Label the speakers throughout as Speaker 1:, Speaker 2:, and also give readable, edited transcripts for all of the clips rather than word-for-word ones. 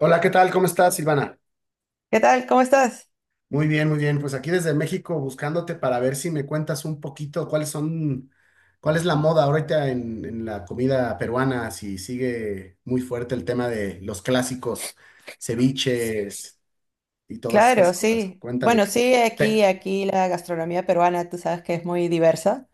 Speaker 1: Hola, ¿qué tal? ¿Cómo estás, Silvana?
Speaker 2: ¿Qué tal? ¿Cómo estás?
Speaker 1: Muy bien, muy bien. Pues aquí desde México buscándote para ver si me cuentas un poquito cuáles son, cuál es la moda ahorita en la comida peruana, si sigue muy fuerte el tema de los clásicos, ceviches y todas
Speaker 2: Claro,
Speaker 1: estas cosas.
Speaker 2: sí.
Speaker 1: Cuéntame.
Speaker 2: Bueno, sí,
Speaker 1: Pe-
Speaker 2: aquí la gastronomía peruana, tú sabes que es muy diversa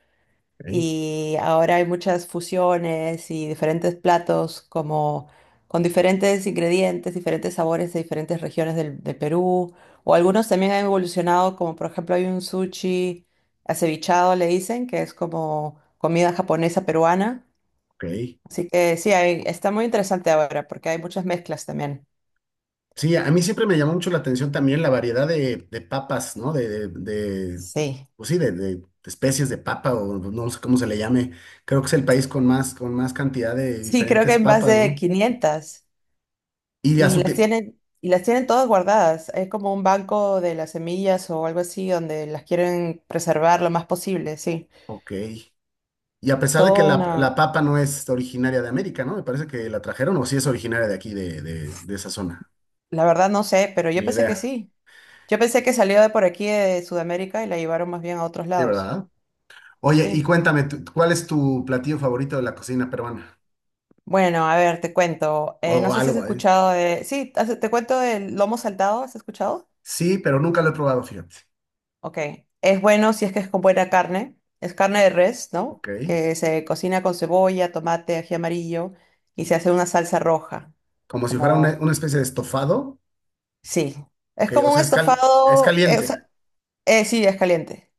Speaker 1: Ok,
Speaker 2: y ahora hay muchas fusiones y diferentes platos como con diferentes ingredientes, diferentes sabores de diferentes regiones del Perú o algunos también han evolucionado como por ejemplo hay un sushi acevichado le dicen que es como comida japonesa peruana.
Speaker 1: ok.
Speaker 2: Así que sí, está muy interesante ahora porque hay muchas mezclas también.
Speaker 1: Sí, a mí siempre me llamó mucho la atención también la variedad de papas, ¿no?
Speaker 2: Sí.
Speaker 1: Pues sí, de especies de papa o no sé cómo se le llame. Creo que es el país con más cantidad de
Speaker 2: Sí, creo que
Speaker 1: diferentes
Speaker 2: hay más
Speaker 1: papas,
Speaker 2: de
Speaker 1: ¿no?
Speaker 2: 500
Speaker 1: Y a
Speaker 2: y
Speaker 1: su
Speaker 2: las
Speaker 1: te-
Speaker 2: tienen y las tienen todas guardadas. Es como un banco de las semillas o algo así donde las quieren preservar lo más posible, sí.
Speaker 1: Ok. Y a
Speaker 2: Es
Speaker 1: pesar de que
Speaker 2: todo
Speaker 1: la,
Speaker 2: una...
Speaker 1: la papa no es originaria de América, ¿no? Me parece que la trajeron o sí es originaria de aquí, de esa zona.
Speaker 2: La verdad no sé, pero yo
Speaker 1: Ni
Speaker 2: pensé que
Speaker 1: idea.
Speaker 2: sí. Yo pensé que salió de por aquí de Sudamérica y la llevaron más bien a otros
Speaker 1: Sí,
Speaker 2: lados.
Speaker 1: ¿verdad? Oye, y
Speaker 2: Sí.
Speaker 1: cuéntame, ¿cuál es tu platillo favorito de la cocina peruana?
Speaker 2: Bueno, a ver, te cuento. No
Speaker 1: O
Speaker 2: sé si has
Speaker 1: algo, ¿eh?
Speaker 2: escuchado de... Sí, te cuento del lomo saltado, ¿has escuchado?
Speaker 1: Sí, pero nunca lo he probado, fíjate.
Speaker 2: Ok, es bueno si es que es con buena carne. Es carne de res, ¿no?
Speaker 1: Ok.
Speaker 2: Que se cocina con cebolla, tomate, ají amarillo y se hace una salsa roja.
Speaker 1: Como si fuera una,
Speaker 2: Como,
Speaker 1: una especie de estofado,
Speaker 2: sí. Es
Speaker 1: que, o
Speaker 2: como un
Speaker 1: sea, es
Speaker 2: estofado. O
Speaker 1: caliente.
Speaker 2: sea, sí, es caliente.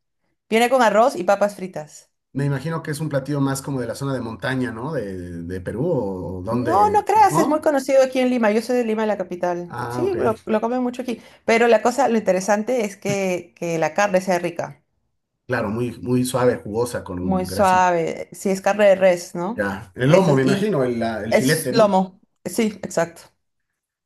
Speaker 2: Viene con arroz y papas fritas.
Speaker 1: Me imagino que es un platillo más como de la zona de montaña, ¿no? De Perú o
Speaker 2: No,
Speaker 1: donde,
Speaker 2: no creas, es muy
Speaker 1: ¿no?
Speaker 2: conocido aquí en Lima. Yo soy de Lima, la capital.
Speaker 1: Ah,
Speaker 2: Sí,
Speaker 1: ok.
Speaker 2: lo comen mucho aquí. Pero la cosa, lo interesante es que la carne sea rica.
Speaker 1: Claro, muy, muy suave, jugosa, con un
Speaker 2: Muy
Speaker 1: grasito.
Speaker 2: suave. Sí, es carne de res, ¿no?
Speaker 1: Ya. El lomo,
Speaker 2: Eso,
Speaker 1: me
Speaker 2: y
Speaker 1: imagino, el
Speaker 2: es
Speaker 1: filete, ¿no?
Speaker 2: lomo. Sí, exacto.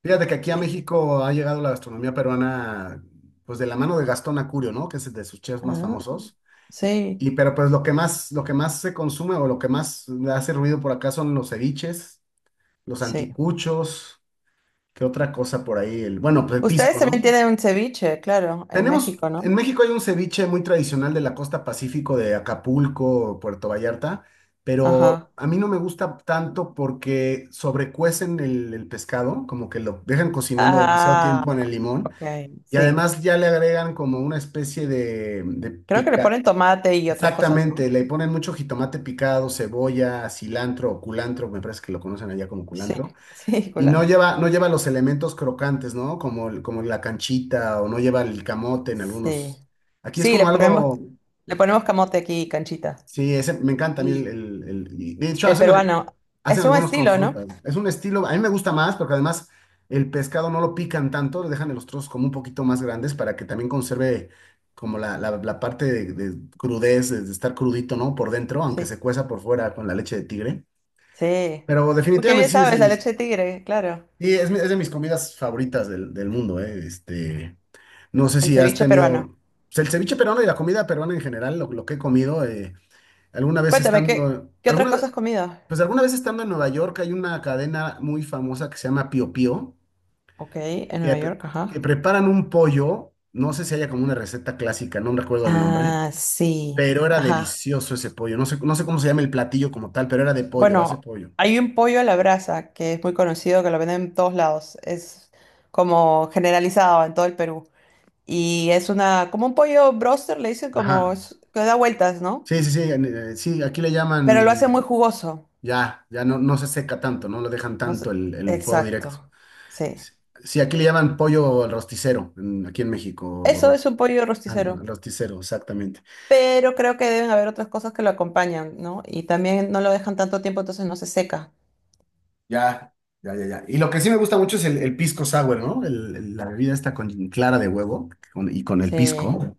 Speaker 1: Fíjate que aquí a
Speaker 2: Sí.
Speaker 1: México ha llegado la gastronomía peruana, pues de la mano de Gastón Acurio, ¿no? Que es de sus chefs más
Speaker 2: Ah,
Speaker 1: famosos.
Speaker 2: sí,
Speaker 1: Y pero pues lo que más, se consume o lo que más hace ruido por acá son los ceviches, los
Speaker 2: sí.
Speaker 1: anticuchos. ¿Qué otra cosa por ahí? Bueno, pues el
Speaker 2: Ustedes
Speaker 1: pisco,
Speaker 2: también
Speaker 1: ¿no?
Speaker 2: tienen un ceviche, claro, en
Speaker 1: Tenemos,
Speaker 2: México, ¿no?
Speaker 1: en México hay un ceviche muy tradicional de la costa Pacífico de Acapulco, Puerto Vallarta, pero
Speaker 2: Ajá.
Speaker 1: a mí no me gusta tanto porque sobrecuecen el pescado, como que lo dejan cocinando demasiado
Speaker 2: Ah,
Speaker 1: tiempo en el limón
Speaker 2: ok,
Speaker 1: y
Speaker 2: sí.
Speaker 1: además ya le agregan como una especie de
Speaker 2: Creo que le
Speaker 1: pica.
Speaker 2: ponen tomate y otras cosas, ¿no?
Speaker 1: Exactamente, le ponen mucho jitomate picado, cebolla, cilantro o culantro, me parece que lo conocen allá como
Speaker 2: Sí,
Speaker 1: culantro.
Speaker 2: sí,
Speaker 1: Y no
Speaker 2: culantro.
Speaker 1: lleva, no lleva los elementos crocantes, ¿no? Como, como la canchita o no lleva el camote en
Speaker 2: Sí.
Speaker 1: algunos. Aquí es
Speaker 2: Sí,
Speaker 1: como algo,
Speaker 2: le ponemos camote aquí, canchita.
Speaker 1: sí, ese, me encanta a mí
Speaker 2: Y
Speaker 1: y de hecho,
Speaker 2: el peruano,
Speaker 1: hacen
Speaker 2: es un
Speaker 1: algunos con
Speaker 2: estilo,
Speaker 1: frutas.
Speaker 2: ¿no?
Speaker 1: Es un estilo, a mí me gusta más porque además el pescado no lo pican tanto, le dejan los trozos como un poquito más grandes para que también conserve como la parte de crudez, de estar crudito, ¿no? Por dentro, aunque se
Speaker 2: Sí.
Speaker 1: cueza por fuera con la leche de tigre.
Speaker 2: Sí.
Speaker 1: Pero
Speaker 2: Uy, qué
Speaker 1: definitivamente
Speaker 2: bien
Speaker 1: sí es de
Speaker 2: sabes, la
Speaker 1: mis.
Speaker 2: leche de tigre, claro.
Speaker 1: Sí, es de mis comidas favoritas del mundo, ¿eh? Este, no sé
Speaker 2: El
Speaker 1: si has
Speaker 2: ceviche peruano.
Speaker 1: tenido, pues, el ceviche peruano y la comida peruana en general, lo que he comido, alguna vez
Speaker 2: Cuéntame, ¿qué,
Speaker 1: estando,
Speaker 2: qué otras
Speaker 1: alguna,
Speaker 2: cosas has comido?
Speaker 1: pues alguna vez estando en Nueva York hay una cadena muy famosa que se llama Pío Pío,
Speaker 2: Ok, en Nueva York,
Speaker 1: que
Speaker 2: ajá.
Speaker 1: preparan un pollo, no sé si haya como una receta clásica, no recuerdo el nombre,
Speaker 2: Ah, sí,
Speaker 1: pero era
Speaker 2: ajá.
Speaker 1: delicioso ese pollo, no sé cómo se llama el platillo como tal, pero era de pollo, base
Speaker 2: Bueno,
Speaker 1: pollo.
Speaker 2: hay un pollo a la brasa que es muy conocido, que lo venden en todos lados. Es como generalizado en todo el Perú. Y es una, como un pollo broster, le dicen como,
Speaker 1: Ajá.
Speaker 2: que da vueltas, ¿no?
Speaker 1: Sí, sí, sí, sí, aquí le
Speaker 2: Pero lo hace
Speaker 1: llaman.
Speaker 2: muy jugoso.
Speaker 1: Ya, ya no, no se seca tanto, no lo dejan
Speaker 2: No sé-
Speaker 1: tanto el fuego directo.
Speaker 2: Exacto, sí.
Speaker 1: Sí, aquí le llaman pollo al rosticero, aquí en México,
Speaker 2: Eso es un pollo
Speaker 1: al
Speaker 2: rosticero.
Speaker 1: al rosticero, exactamente.
Speaker 2: Pero creo que deben haber otras cosas que lo acompañan, ¿no? Y también no lo dejan tanto tiempo, entonces no se seca.
Speaker 1: Ya, ya, ya, ya. Y lo que sí me gusta mucho es el pisco sour, ¿no? La bebida esta con clara de huevo y con el
Speaker 2: Sí.
Speaker 1: pisco.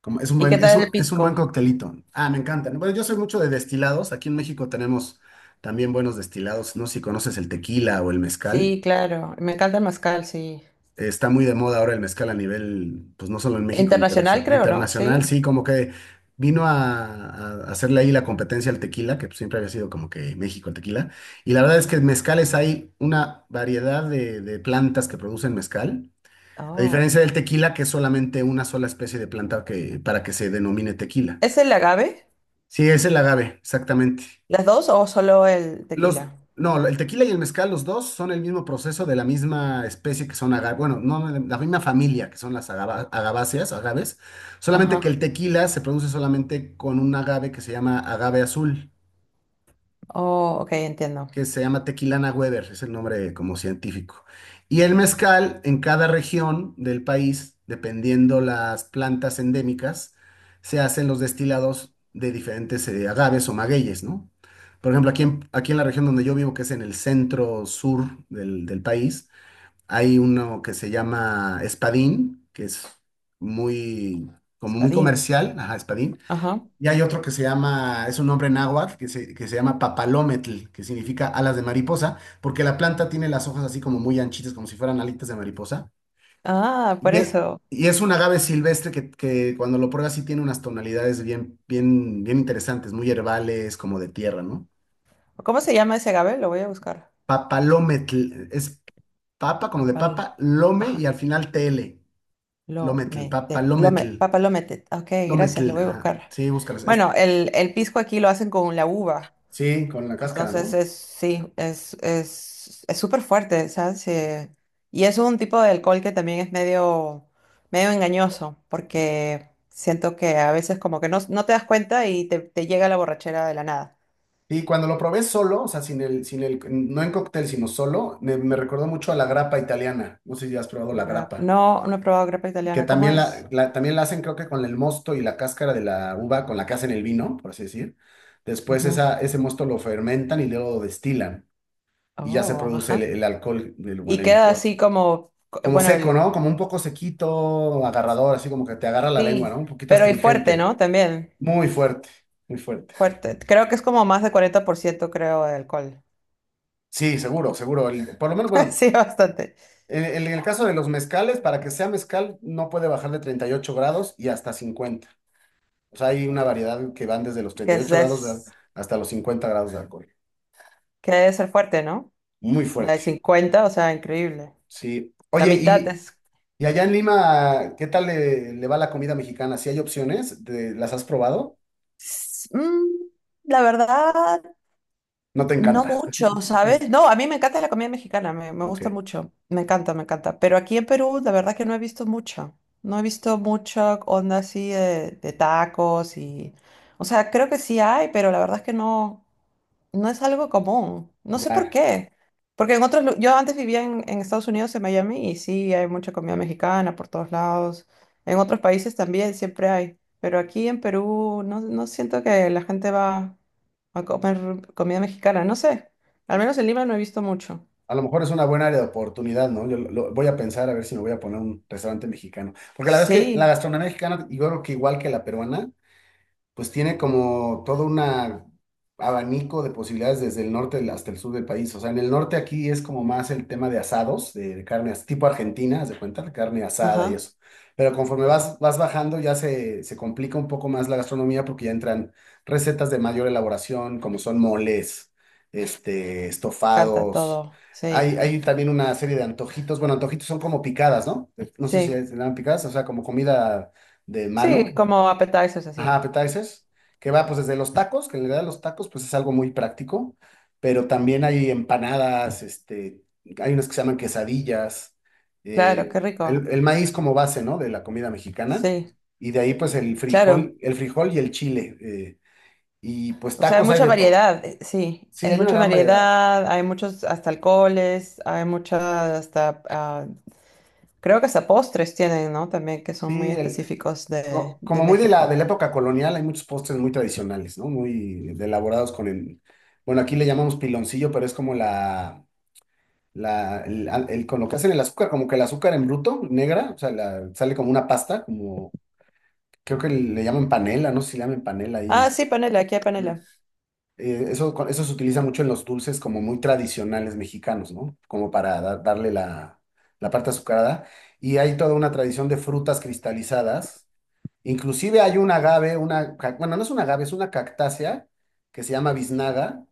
Speaker 1: Como, es un
Speaker 2: ¿Y qué
Speaker 1: buen, es
Speaker 2: tal el
Speaker 1: un, es un buen
Speaker 2: pisco?
Speaker 1: coctelito. Ah, me encanta. Bueno, yo soy mucho de destilados. Aquí en México tenemos también buenos destilados, ¿no? Sé si conoces el tequila o el mezcal.
Speaker 2: Sí, claro. Me encanta el mezcal, sí.
Speaker 1: Está muy de moda ahora el mezcal a nivel, pues no solo en México,
Speaker 2: Internacional,
Speaker 1: internacional,
Speaker 2: creo, ¿no?
Speaker 1: internacional,
Speaker 2: Sí.
Speaker 1: sí, como que vino a hacerle ahí la competencia al tequila, que pues, siempre había sido como que México el tequila. Y la verdad es que en mezcales hay una variedad de plantas que producen mezcal, a
Speaker 2: Oh.
Speaker 1: diferencia del tequila, que es solamente una sola especie de planta que, para que se denomine tequila.
Speaker 2: ¿Es el agave?
Speaker 1: Sí, es el agave, exactamente.
Speaker 2: ¿Las dos o solo el
Speaker 1: Los,
Speaker 2: tequila?
Speaker 1: no, el tequila y el mezcal, los dos son el mismo proceso de la misma especie que son agaves, bueno, no, no, la misma familia que son las agaváceas, agaves, solamente que
Speaker 2: Ajá.
Speaker 1: el tequila se produce solamente con un agave que se llama agave azul
Speaker 2: Oh, ok, entiendo.
Speaker 1: que se llama Tequilana Weber, es el nombre como científico. Y el mezcal en cada región del país, dependiendo las plantas endémicas, se hacen los destilados de diferentes agaves o magueyes, ¿no? Por ejemplo, aquí en, la región donde yo vivo, que es en el centro sur del país, hay uno que se llama Espadín, que es muy, como muy
Speaker 2: Espadín.
Speaker 1: comercial, ajá, Espadín,
Speaker 2: Ajá.
Speaker 1: y hay otro que se llama, es un nombre náhuatl, que se, llama papalometl, que significa alas de mariposa, porque la planta tiene las hojas así como muy anchitas, como si fueran alitas de mariposa.
Speaker 2: Ah, por
Speaker 1: Y es,
Speaker 2: eso.
Speaker 1: y es un agave silvestre que cuando lo pruebas sí tiene unas tonalidades bien, bien, bien interesantes, muy herbales, como de tierra, ¿no?
Speaker 2: ¿Cómo se llama ese agave? Lo voy a buscar.
Speaker 1: Papalometl, es papa, como de
Speaker 2: Papal.
Speaker 1: papa, lome y al final tl, lometl,
Speaker 2: Lometet, lome,
Speaker 1: papalometl,
Speaker 2: papa lometet. Ok, gracias, lo
Speaker 1: lometl,
Speaker 2: voy a
Speaker 1: ajá.
Speaker 2: buscar.
Speaker 1: Sí, búscalas.
Speaker 2: Bueno, el pisco aquí lo hacen con la uva.
Speaker 1: Sí, con la cáscara,
Speaker 2: Entonces
Speaker 1: ¿no?
Speaker 2: es, sí, es súper fuerte, ¿sabes? Y es un tipo de alcohol que también es medio, medio engañoso, porque siento que a veces como que no, no te das cuenta y te llega la borrachera de la nada.
Speaker 1: Y cuando lo probé solo, o sea, sin el, no en cóctel, sino solo, me recordó mucho a la grappa italiana. No sé si has probado la grappa,
Speaker 2: No, no he probado grapa
Speaker 1: que
Speaker 2: italiana, ¿cómo
Speaker 1: también la,
Speaker 2: es?
Speaker 1: también la hacen, creo que con el mosto y la cáscara de la uva con la que hacen el vino, por así decir. Después
Speaker 2: Ujú.
Speaker 1: ese mosto lo fermentan y luego lo destilan y ya se
Speaker 2: Oh,
Speaker 1: produce el,
Speaker 2: ajá.
Speaker 1: el alcohol
Speaker 2: Y
Speaker 1: bueno, el
Speaker 2: queda
Speaker 1: licor.
Speaker 2: así como,
Speaker 1: Como
Speaker 2: bueno.
Speaker 1: seco, ¿no? Como un poco sequito, agarrador, así como que te agarra la lengua,
Speaker 2: Sí,
Speaker 1: ¿no? Un poquito
Speaker 2: pero y fuerte,
Speaker 1: astringente.
Speaker 2: ¿no? También,
Speaker 1: Muy fuerte, muy fuerte.
Speaker 2: fuerte. Creo que es como más de 40%, creo, de alcohol.
Speaker 1: Sí, seguro, seguro. Por lo menos, bueno.
Speaker 2: Sí, bastante.
Speaker 1: En el caso de los mezcales, para que sea mezcal, no puede bajar de 38 grados y hasta 50. O sea, hay una variedad que van desde los
Speaker 2: Que
Speaker 1: treinta y
Speaker 2: es,
Speaker 1: ocho grados
Speaker 2: es-
Speaker 1: hasta los 50 grados de alcohol.
Speaker 2: que debe ser fuerte, ¿no?
Speaker 1: Muy
Speaker 2: La de
Speaker 1: fuerte.
Speaker 2: 50, o sea, increíble.
Speaker 1: Sí.
Speaker 2: La
Speaker 1: Oye,
Speaker 2: mitad
Speaker 1: y,
Speaker 2: es...
Speaker 1: y allá en Lima, ¿qué tal le va la comida mexicana? ¿Si hay opciones? ¿Las has probado?
Speaker 2: s- mm, la verdad,
Speaker 1: ¿No te
Speaker 2: no
Speaker 1: encanta?
Speaker 2: mucho, ¿sabes? No, a mí me encanta la comida mexicana, me
Speaker 1: Ok,
Speaker 2: gusta mucho, me encanta, me encanta. Pero aquí en Perú, la verdad que no he visto mucho, no he visto mucha onda así de tacos y... O sea, creo que sí hay, pero la verdad es que no, no es algo común. No sé por
Speaker 1: ya.
Speaker 2: qué. Porque en otros, yo antes vivía en Estados Unidos, en Miami, y sí hay mucha comida mexicana por todos lados. En otros países también siempre hay, pero aquí en Perú no, no siento que la gente va a comer comida mexicana, no sé. Al menos en Lima no he visto mucho.
Speaker 1: A lo mejor es una buena área de oportunidad, ¿no? Yo voy a pensar a ver si me voy a poner un restaurante mexicano. Porque la verdad es que la
Speaker 2: Sí,
Speaker 1: gastronomía mexicana, yo creo que igual que la peruana, pues tiene como todo un abanico de posibilidades desde el norte hasta el sur del país. O sea, en el norte aquí es como más el tema de asados, de carne tipo argentina, haz de cuenta, de carne asada y
Speaker 2: ajá,
Speaker 1: eso. Pero conforme vas bajando ya se complica un poco más la gastronomía porque ya entran recetas de mayor elaboración, como son moles, este,
Speaker 2: me encanta
Speaker 1: estofados.
Speaker 2: todo.
Speaker 1: Hay,
Speaker 2: Sí,
Speaker 1: hay también una serie de antojitos. Bueno, antojitos son como picadas, ¿no? No sé si
Speaker 2: sí,
Speaker 1: se llaman picadas, o sea, como comida de
Speaker 2: sí,
Speaker 1: mano.
Speaker 2: como appetizers
Speaker 1: Ajá,
Speaker 2: así.
Speaker 1: appetizers, que va pues desde los tacos, que en realidad los tacos pues es algo muy práctico, pero también hay empanadas, este, hay unas que se llaman quesadillas,
Speaker 2: Claro,
Speaker 1: eh,
Speaker 2: qué
Speaker 1: el,
Speaker 2: rico.
Speaker 1: el maíz como base, ¿no? De la comida mexicana,
Speaker 2: Sí,
Speaker 1: y de ahí pues el
Speaker 2: claro.
Speaker 1: frijol, el frijol y el chile, y pues
Speaker 2: O sea, hay
Speaker 1: tacos hay
Speaker 2: mucha
Speaker 1: de todo.
Speaker 2: variedad, sí.
Speaker 1: Sí,
Speaker 2: Es
Speaker 1: hay una
Speaker 2: mucha
Speaker 1: gran variedad.
Speaker 2: variedad, hay muchos hasta alcoholes, hay muchas hasta, ah, creo que hasta postres tienen, ¿no? También que son muy
Speaker 1: Sí,
Speaker 2: específicos de
Speaker 1: como muy de la, de
Speaker 2: México.
Speaker 1: la época colonial, hay muchos postres muy tradicionales, ¿no? Muy elaborados bueno, aquí le llamamos piloncillo, pero es como con lo que hacen el azúcar, como que el azúcar en bruto, negra, o sea, sale como una pasta, como creo que le llaman panela, no sé si le llaman panela ahí
Speaker 2: Ah,
Speaker 1: en.
Speaker 2: sí, panela, aquí hay panela.
Speaker 1: Eso eso se utiliza mucho en los dulces como muy tradicionales mexicanos, ¿no? Como para darle la parte azucarada. Y hay toda una tradición de frutas cristalizadas. Inclusive hay un agave, bueno, no es un agave, es una cactácea que se llama biznaga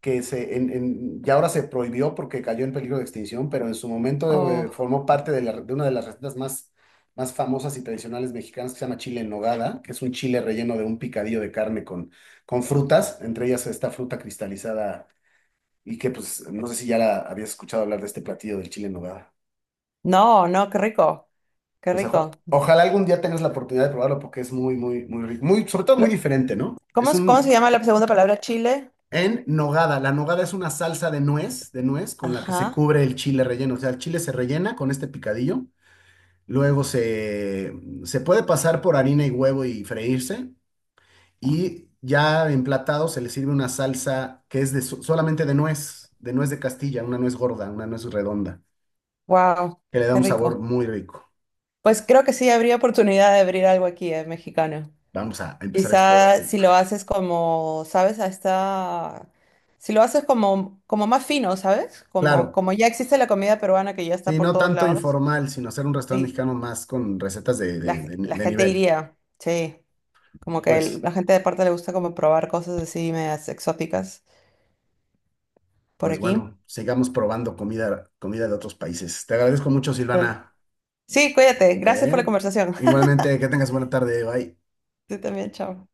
Speaker 1: que se, en- ya ahora se prohibió porque cayó en peligro de extinción, pero en su momento
Speaker 2: Oh,
Speaker 1: formó parte de una de las recetas más famosas y tradicionales mexicanas que se llama chile en nogada, que es un chile relleno de un picadillo de carne con frutas, entre ellas esta fruta cristalizada y que pues no sé si ya la habías escuchado hablar de este platillo del chile en nogada.
Speaker 2: no, no, qué rico, qué
Speaker 1: Pues
Speaker 2: rico.
Speaker 1: ojalá algún día tengas la oportunidad de probarlo porque es muy, muy, muy rico, sobre todo
Speaker 2: Lo-
Speaker 1: muy diferente, ¿no?
Speaker 2: ¿Cómo,
Speaker 1: Es
Speaker 2: cómo se
Speaker 1: un.
Speaker 2: llama la segunda palabra? Chile.
Speaker 1: En nogada. La nogada es una salsa de nuez, con la que se
Speaker 2: Ajá.
Speaker 1: cubre el chile relleno. O sea, el chile se rellena con este picadillo. Luego se, puede pasar por harina y huevo y freírse. Y ya emplatado se le sirve una salsa que es solamente de nuez, de nuez de Castilla, una nuez gorda, una nuez redonda,
Speaker 2: Wow,
Speaker 1: que le da
Speaker 2: qué
Speaker 1: un sabor
Speaker 2: rico.
Speaker 1: muy rico.
Speaker 2: Pues creo que sí habría oportunidad de abrir algo aquí, mexicano.
Speaker 1: Vamos a empezar a explorar.
Speaker 2: Quizá si lo haces como, ¿sabes? A esta... Si lo haces como, como más fino, ¿sabes? Como,
Speaker 1: Claro,
Speaker 2: como ya existe la comida peruana que ya está
Speaker 1: sí,
Speaker 2: por
Speaker 1: no
Speaker 2: todos
Speaker 1: tanto
Speaker 2: lados.
Speaker 1: informal, sino hacer un restaurante
Speaker 2: Sí,
Speaker 1: mexicano más con recetas de, de de-
Speaker 2: la
Speaker 1: de
Speaker 2: gente
Speaker 1: nivel.
Speaker 2: iría, sí. Como que
Speaker 1: Pues.
Speaker 2: la gente de parte le gusta como probar cosas así medias exóticas por
Speaker 1: Pues
Speaker 2: aquí.
Speaker 1: bueno, sigamos probando comida, de otros países. Te agradezco mucho,
Speaker 2: Dale.
Speaker 1: Silvana.
Speaker 2: Sí, cuídate. Gracias por la
Speaker 1: ¿Eh?
Speaker 2: conversación.
Speaker 1: Igualmente, que tengas buena tarde. Bye.
Speaker 2: Tú también, chao.